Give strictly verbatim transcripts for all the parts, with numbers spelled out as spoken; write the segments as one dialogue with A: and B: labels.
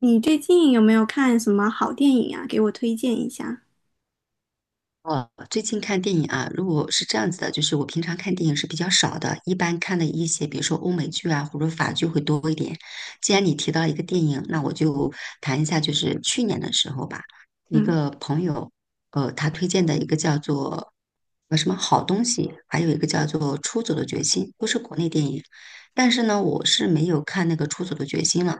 A: 你最近有没有看什么好电影啊？给我推荐一下。
B: 哦，最近看电影啊，如果是这样子的，就是我平常看电影是比较少的，一般看的一些，比如说欧美剧啊，或者法剧会多一点。既然你提到一个电影，那我就谈一下，就是去年的时候吧，一
A: 嗯，
B: 个朋友，呃，他推荐的一个叫做呃什么好东西，还有一个叫做《出走的决心》，都是国内电影，但是呢，我是没有看那个《出走的决心》了。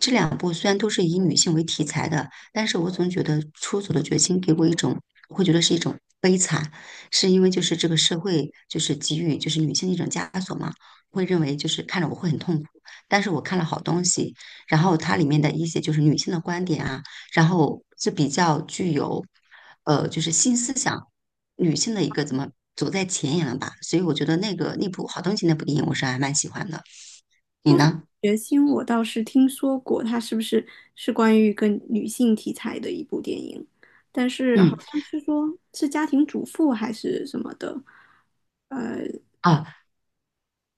B: 这两部虽然都是以女性为题材的，但是我总觉得《出走的决心》给我一种我会觉得是一种悲惨，是因为就是这个社会就是给予就是女性的一种枷锁嘛，会认为就是看着我会很痛苦，但是我看了好东西，然后它里面的一些就是女性的观点啊，然后是比较具有呃就是新思想女性的一个怎么走在前沿了吧，所以我觉得那个那部好东西那部电影我是还蛮喜欢的，你呢？
A: 《决心》我倒是听说过，它是不是是关于一个女性题材的一部电影？但是好
B: 嗯。
A: 像是说是家庭主妇还是什么的。
B: 啊，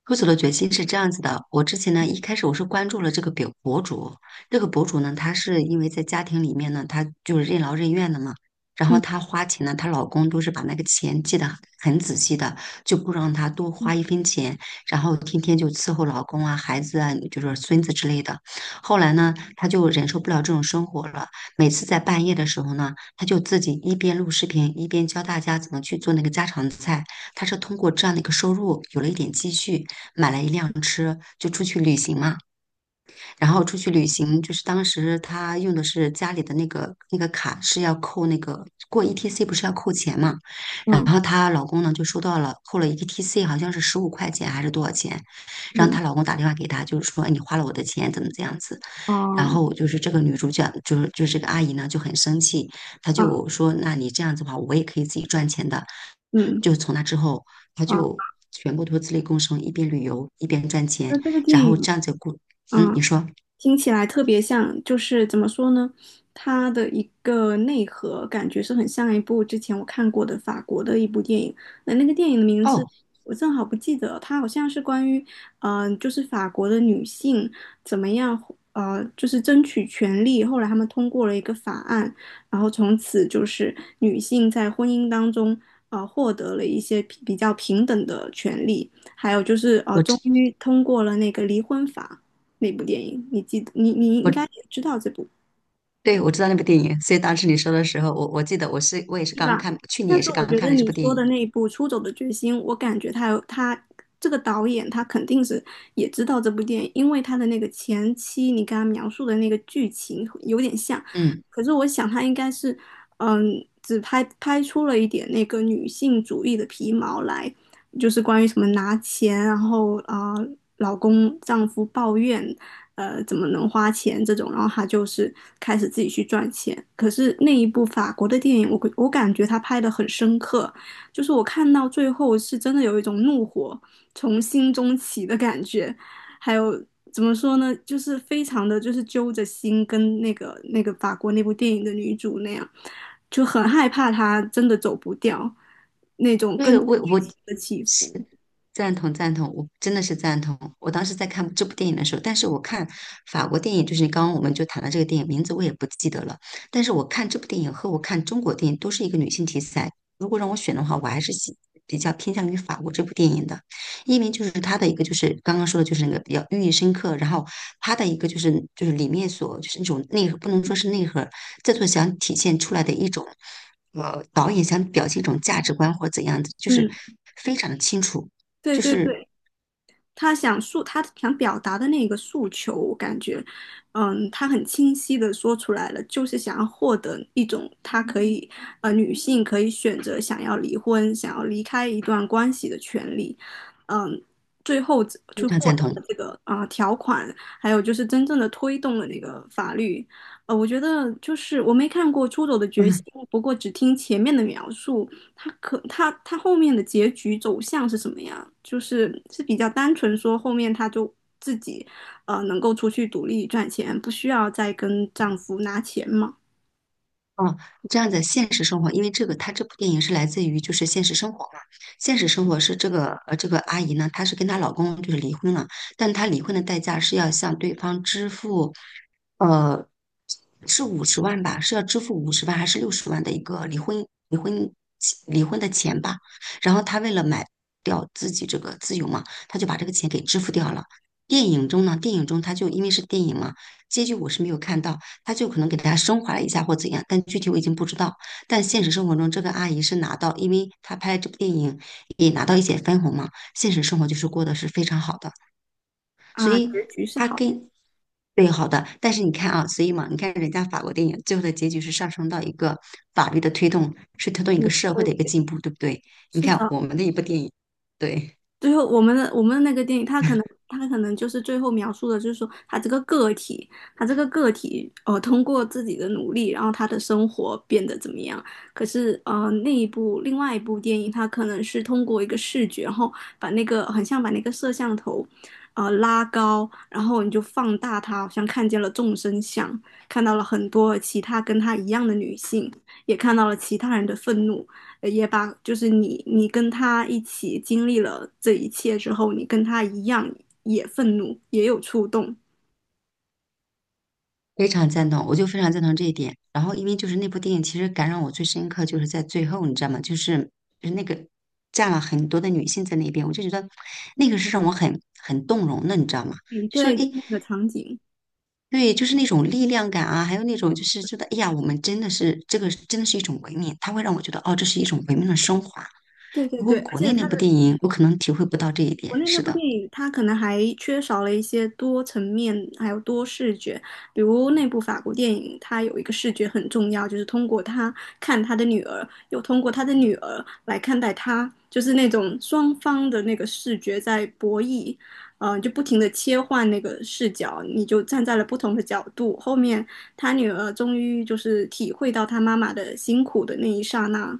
B: 喝酒的决心是这样子的，我之前呢，一开始我是关注了这个表博主，这个博主呢，她是因为在家庭里面呢，她就是任劳任怨的嘛，然后
A: 嗯
B: 她花钱呢，她老公都是把那个钱记得很仔细的，就不让她多
A: 嗯
B: 花一分钱，然后天天就伺候老公啊、孩子啊，就是孙子之类的。后来呢，她就忍受不了这种生活了，每次在半夜的时候呢，她就自己一边录视频，一边教大家怎么去做那个家常菜，她是通过这样的一个收入有了一点积蓄。买了一辆车就出去旅行嘛。然后出去旅行，就是当时他用的是家里的那个那个卡，是要扣那个过 E T C 不是要扣钱嘛？然后她老公呢就收到了扣了 E T C，好像是十五块钱还是多少钱？然后
A: 嗯，
B: 她老公打电话给她，就是说、哎你花了我的钱，怎么这样子？然
A: 哦，
B: 后就是这个女主角，就是就是这个阿姨呢就很生气，她
A: 啊
B: 就说那你这样子的话，我也可以自己赚钱的。
A: 嗯
B: 就从那之后，他
A: 啊，
B: 就全部都自力更生，一边旅游一边赚钱，
A: 那这个电
B: 然后
A: 影，
B: 这样子过。嗯，
A: 嗯
B: 你说
A: 听起来特别像，就是怎么说呢？它的一个内核感觉是很像一部之前我看过的法国的一部电影，那那个电影的名字
B: 哦，
A: 我正好不记得了，它好像是关于，嗯、就是法国的女性怎么样，呃，就是争取权利，后来他们通过了一个法案，然后从此就是女性在婚姻当中，呃，获得了一些比比较平等的权利，还有就是呃，
B: 我
A: 终
B: 知
A: 于通过了那个离婚法。那部电影，你记得你你应该
B: 我
A: 也知道这部，
B: 对我知道那部电影，所以当时你说的时候，我我记得我是我也是
A: 对
B: 刚
A: 吧？
B: 看，去年
A: 但
B: 也
A: 是
B: 是
A: 我
B: 刚
A: 觉
B: 看
A: 得
B: 了这
A: 你
B: 部电
A: 说
B: 影。
A: 的那一部《出走的决心》，我感觉他有他这个导演他肯定是也知道这部电影，因为他的那个前期你刚刚描述的那个剧情有点像，
B: 嗯。
A: 可是我想他应该是嗯，只拍拍出了一点那个女性主义的皮毛来，就是关于什么拿钱，然后啊、呃老公丈夫抱怨呃怎么能花钱这种，然后他就是开始自己去赚钱。可是那一部法国的电影，我我感觉他拍的很深刻，就是我看到最后是真的有一种怒火从心中起的感觉，还有。怎么说呢？就是非常的就是揪着心，跟那个那个法国那部电影的女主那样，就很害怕她真的走不掉那种
B: 对，
A: 跟着
B: 我我
A: 剧情的起
B: 是
A: 伏。
B: 赞同赞同，我真的是赞同。我当时在看这部电影的时候，但是我看法国电影，就是刚刚我们就谈了这个电影名字，我也不记得了。但是我看这部电影和我看中国电影都是一个女性题材。如果让我选的话，我还是喜比较偏向于法国这部电影的，因为就是它的一个就是刚刚说的就是那个比较寓意深刻，然后它的一个就是就是里面所就是那种内核，不能说是内核，这就想体现出来的一种，呃，导演想表现一种价值观或者怎样子，就是
A: 嗯，
B: 非常的清楚，
A: 对
B: 就
A: 对
B: 是
A: 对。他想诉他想表达的那个诉求，我感觉，嗯，他很清晰的说出来了，就是想要获得一种他可以，呃，女性可以选择想要离婚、想要离开一段关系的权利，嗯，最后
B: 非
A: 就
B: 常
A: 获
B: 赞
A: 得
B: 同。
A: 了这个啊、呃条款，还有就是真正的推动了那个法律，呃，我觉得就是我没看过《出走的决心》，
B: 嗯，
A: 不过只听前面的描述，他可他他后面的结局走向是什么呀？就是是比较单纯说后面他就自己呃能够出去独立赚钱，不需要再跟丈夫拿钱嘛？
B: 哦，这样的现实生活，因为这个，它这部电影是来自于就是现实生活嘛。现实生活是这个呃这个阿姨呢，她是跟她老公就是离婚了，但她离婚的代价是要向对方支付，呃，是五十万吧，是要支付五十万还是六十万的一个离婚离婚离婚的钱吧。然后她为了买掉自己这个自由嘛，她就把这个钱给支付掉了。电影中呢，电影中她就因为是电影嘛，结局我是没有看到。他就可能给大家升华了一下或怎样，但具体我已经不知道。但现实生活中，这个阿姨是拿到，因为她拍这部电影也拿到一些分红嘛，现实生活就是过得是非常好的，所
A: 啊，结
B: 以
A: 局是
B: 她
A: 好的，
B: 跟。对，好的，但是你看啊，所以嘛，你看人家法国电影最后的结局是上升到一个法律的推动，是推动一个
A: 嗯
B: 社会的一个
A: 对，
B: 进步，对不对？你
A: 是
B: 看
A: 的，
B: 我们的一部电影，对。
A: 最后，我们的我们的那个电影，他可能他可能就是最后描述的，就是说他这个个体，他这个个体，呃，通过自己的努力，然后他的生活变得怎么样？可是，呃，那一部另外一部电影，他可能是通过一个视觉，然后把那个很像把那个摄像头，呃，拉高，然后你就放大它，好像看见了众生相，看到了很多其他跟他一样的女性，也看到了其他人的愤怒，呃也把就是你你跟他一起经历了这一切之后，你跟他一样也愤怒，也有触动。
B: 非常赞同，我就非常赞同这一点。然后，因为就是那部电影，其实感染我最深刻就是在最后，你知道吗？就是就是那个站了很多的女性在那边，我就觉得那个是让我很很动容的，你知道吗？
A: 嗯，
B: 就说
A: 对，就
B: 诶，
A: 那个场景，
B: 对，就是那种力量感啊，还有那种就是觉得哎呀，我们真的是这个真的是一种文明，它会让我觉得哦，这是一种文明的升华。
A: 对对
B: 如果
A: 对，而
B: 国
A: 且
B: 内那
A: 他
B: 部电影，我可能体会不到这一点。
A: 国内那
B: 是
A: 部
B: 的。
A: 电影，它可能还缺少了一些多层面，还有多视觉。比如那部法国电影，它有一个视觉很重要，就是通过他看他的女儿，又通过他的女儿来看待他，就是那种双方的那个视觉在博弈，嗯、呃，就不停的切换那个视角，你就站在了不同的角度。后面他女儿终于就是体会到他妈妈的辛苦的那一刹那，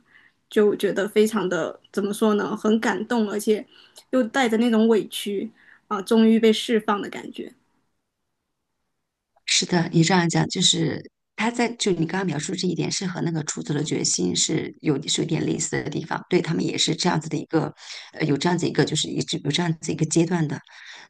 A: 就觉得非常的怎么说呢，很感动，而且。又带着那种委屈啊，终于被释放的感觉。
B: 是的，你这样讲就是他在就你刚刚描述这一点是和那个出走的决心是有是有点类似的地方，对他们也是这样子的一个，呃，有这样子一个就是一直有这样子一个阶段的，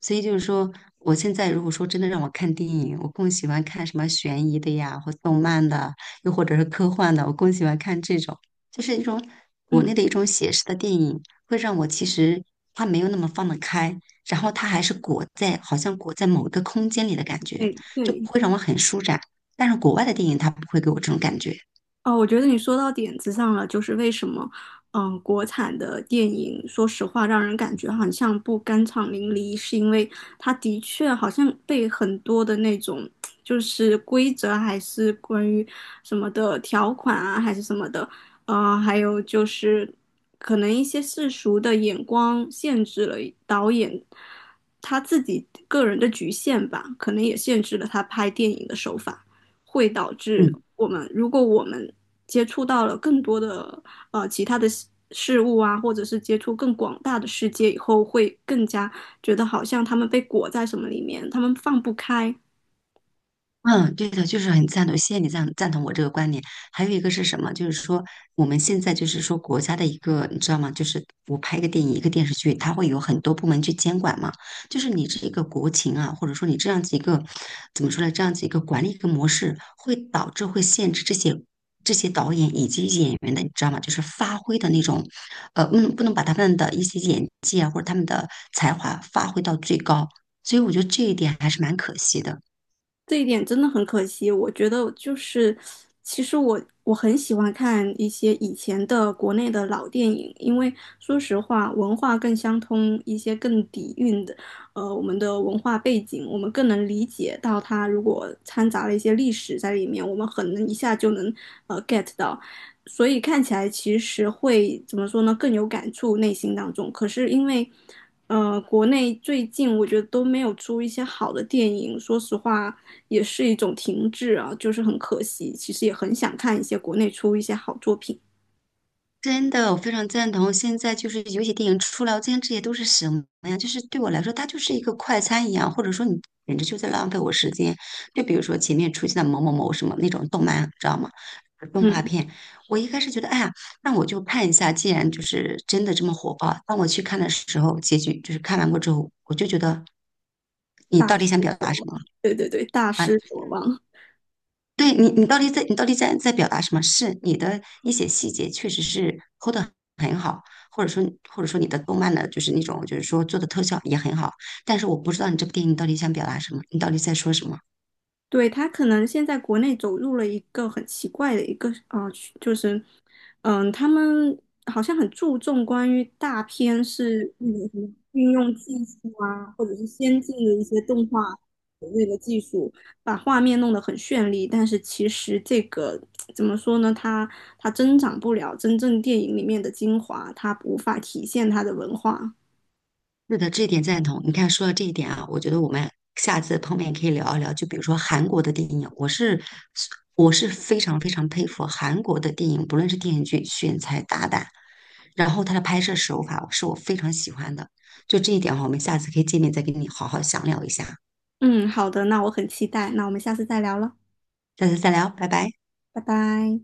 B: 所以就是说，我现在如果说真的让我看电影，我更喜欢看什么悬疑的呀，或动漫的，又或者是科幻的，我更喜欢看这种，就是一种国
A: 嗯，
B: 内的一种写实的电影，会让我其实它没有那么放得开，然后它还是裹在好像裹在某一个空间里的感觉。
A: 对
B: 就
A: 对，
B: 不会让我很舒展。但是国外的电影它不会给我这种感觉，
A: 哦，我觉得你说到点子上了，就是为什么，嗯，国产的电影，说实话，让人感觉好像不酣畅淋漓，是因为它的确好像被很多的那种，就是规则还是关于什么的条款啊，还是什么的，呃，还有就是可能一些世俗的眼光限制了导演他自己个人的局限吧，可能也限制了他拍电影的手法。会导致
B: 嗯，
A: 我们，如果我们接触到了更多的呃其他的事事物啊，或者是接触更广大的世界以后，会更加觉得好像他们被裹在什么里面，他们放不开。
B: 嗯，对的，就是很赞同，谢谢你赞赞同我这个观点。还有一个是什么？就是说我们现在就是说国家的一个，你知道吗？就是我拍一个电影、一个电视剧，它会有很多部门去监管嘛。就是你这一个国情啊，或者说你这样子一个怎么说呢？这样子一个管理一个模式，会导致会限制这些这些导演以及演员的，你知道吗？就是发挥的那种，呃，嗯，不能把他们的一些演技啊，或者他们的才华发挥到最高。所以我觉得这一点还是蛮可惜的。
A: 这一点真的很可惜，我觉得就是，其实我我很喜欢看一些以前的国内的老电影，因为说实话，文化更相通，一些更底蕴的，呃，我们的文化背景，我们更能理解到它。如果掺杂了一些历史在里面，我们很能一下就能呃 get 到，所以看起来其实会怎么说呢，更有感触内心当中。可是因为呃，国内最近我觉得都没有出一些好的电影，说实话也是一种停滞啊，就是很可惜。其实也很想看一些国内出一些好作品，
B: 真的，我非常赞同。现在就是有些电影出来，我今天这些都是什么呀？就是对我来说，它就是一个快餐一样，或者说你简直就在浪费我时间。就比如说前面出现的某某某什么那种动漫，知道吗？动画
A: 嗯，
B: 片，我一开始觉得，哎呀，那我就看一下。既然就是真的这么火爆，当我去看的时候，结局就是看完过之后，我就觉得你
A: 大
B: 到底
A: 失
B: 想表达
A: 所
B: 什
A: 望，
B: 么
A: 对对对，大
B: 啊？
A: 失所望。
B: 对你，你到底在你到底在在表达什么？是你的一些细节确实是抠的很好，或者说或者说你的动漫的就是那种就是说做的特效也很好，但是我不知道你这部电影到底想表达什么，你到底在说什么？
A: 对，他可能现在国内走入了一个很奇怪的一个啊、呃就是，嗯，他们好像很注重关于大片是那个什么运用技术啊，或者是先进的一些动画所谓的技术，把画面弄得很绚丽，但是其实这个怎么说呢？它它增长不了真正电影里面的精华，它无法体现它的文化。
B: 是的，这一点赞同。你看，说到这一点啊，我觉得我们下次碰面可以聊一聊，就比如说韩国的电影，我是我是非常非常佩服韩国的电影，不论是电视剧选材大胆。然后它的拍摄手法是我非常喜欢的，就这一点哈，我们下次可以见面再跟你好好详聊一下。
A: 嗯，好的，那我很期待，那我们下次再聊了，
B: 下次再聊，拜拜。
A: 拜拜。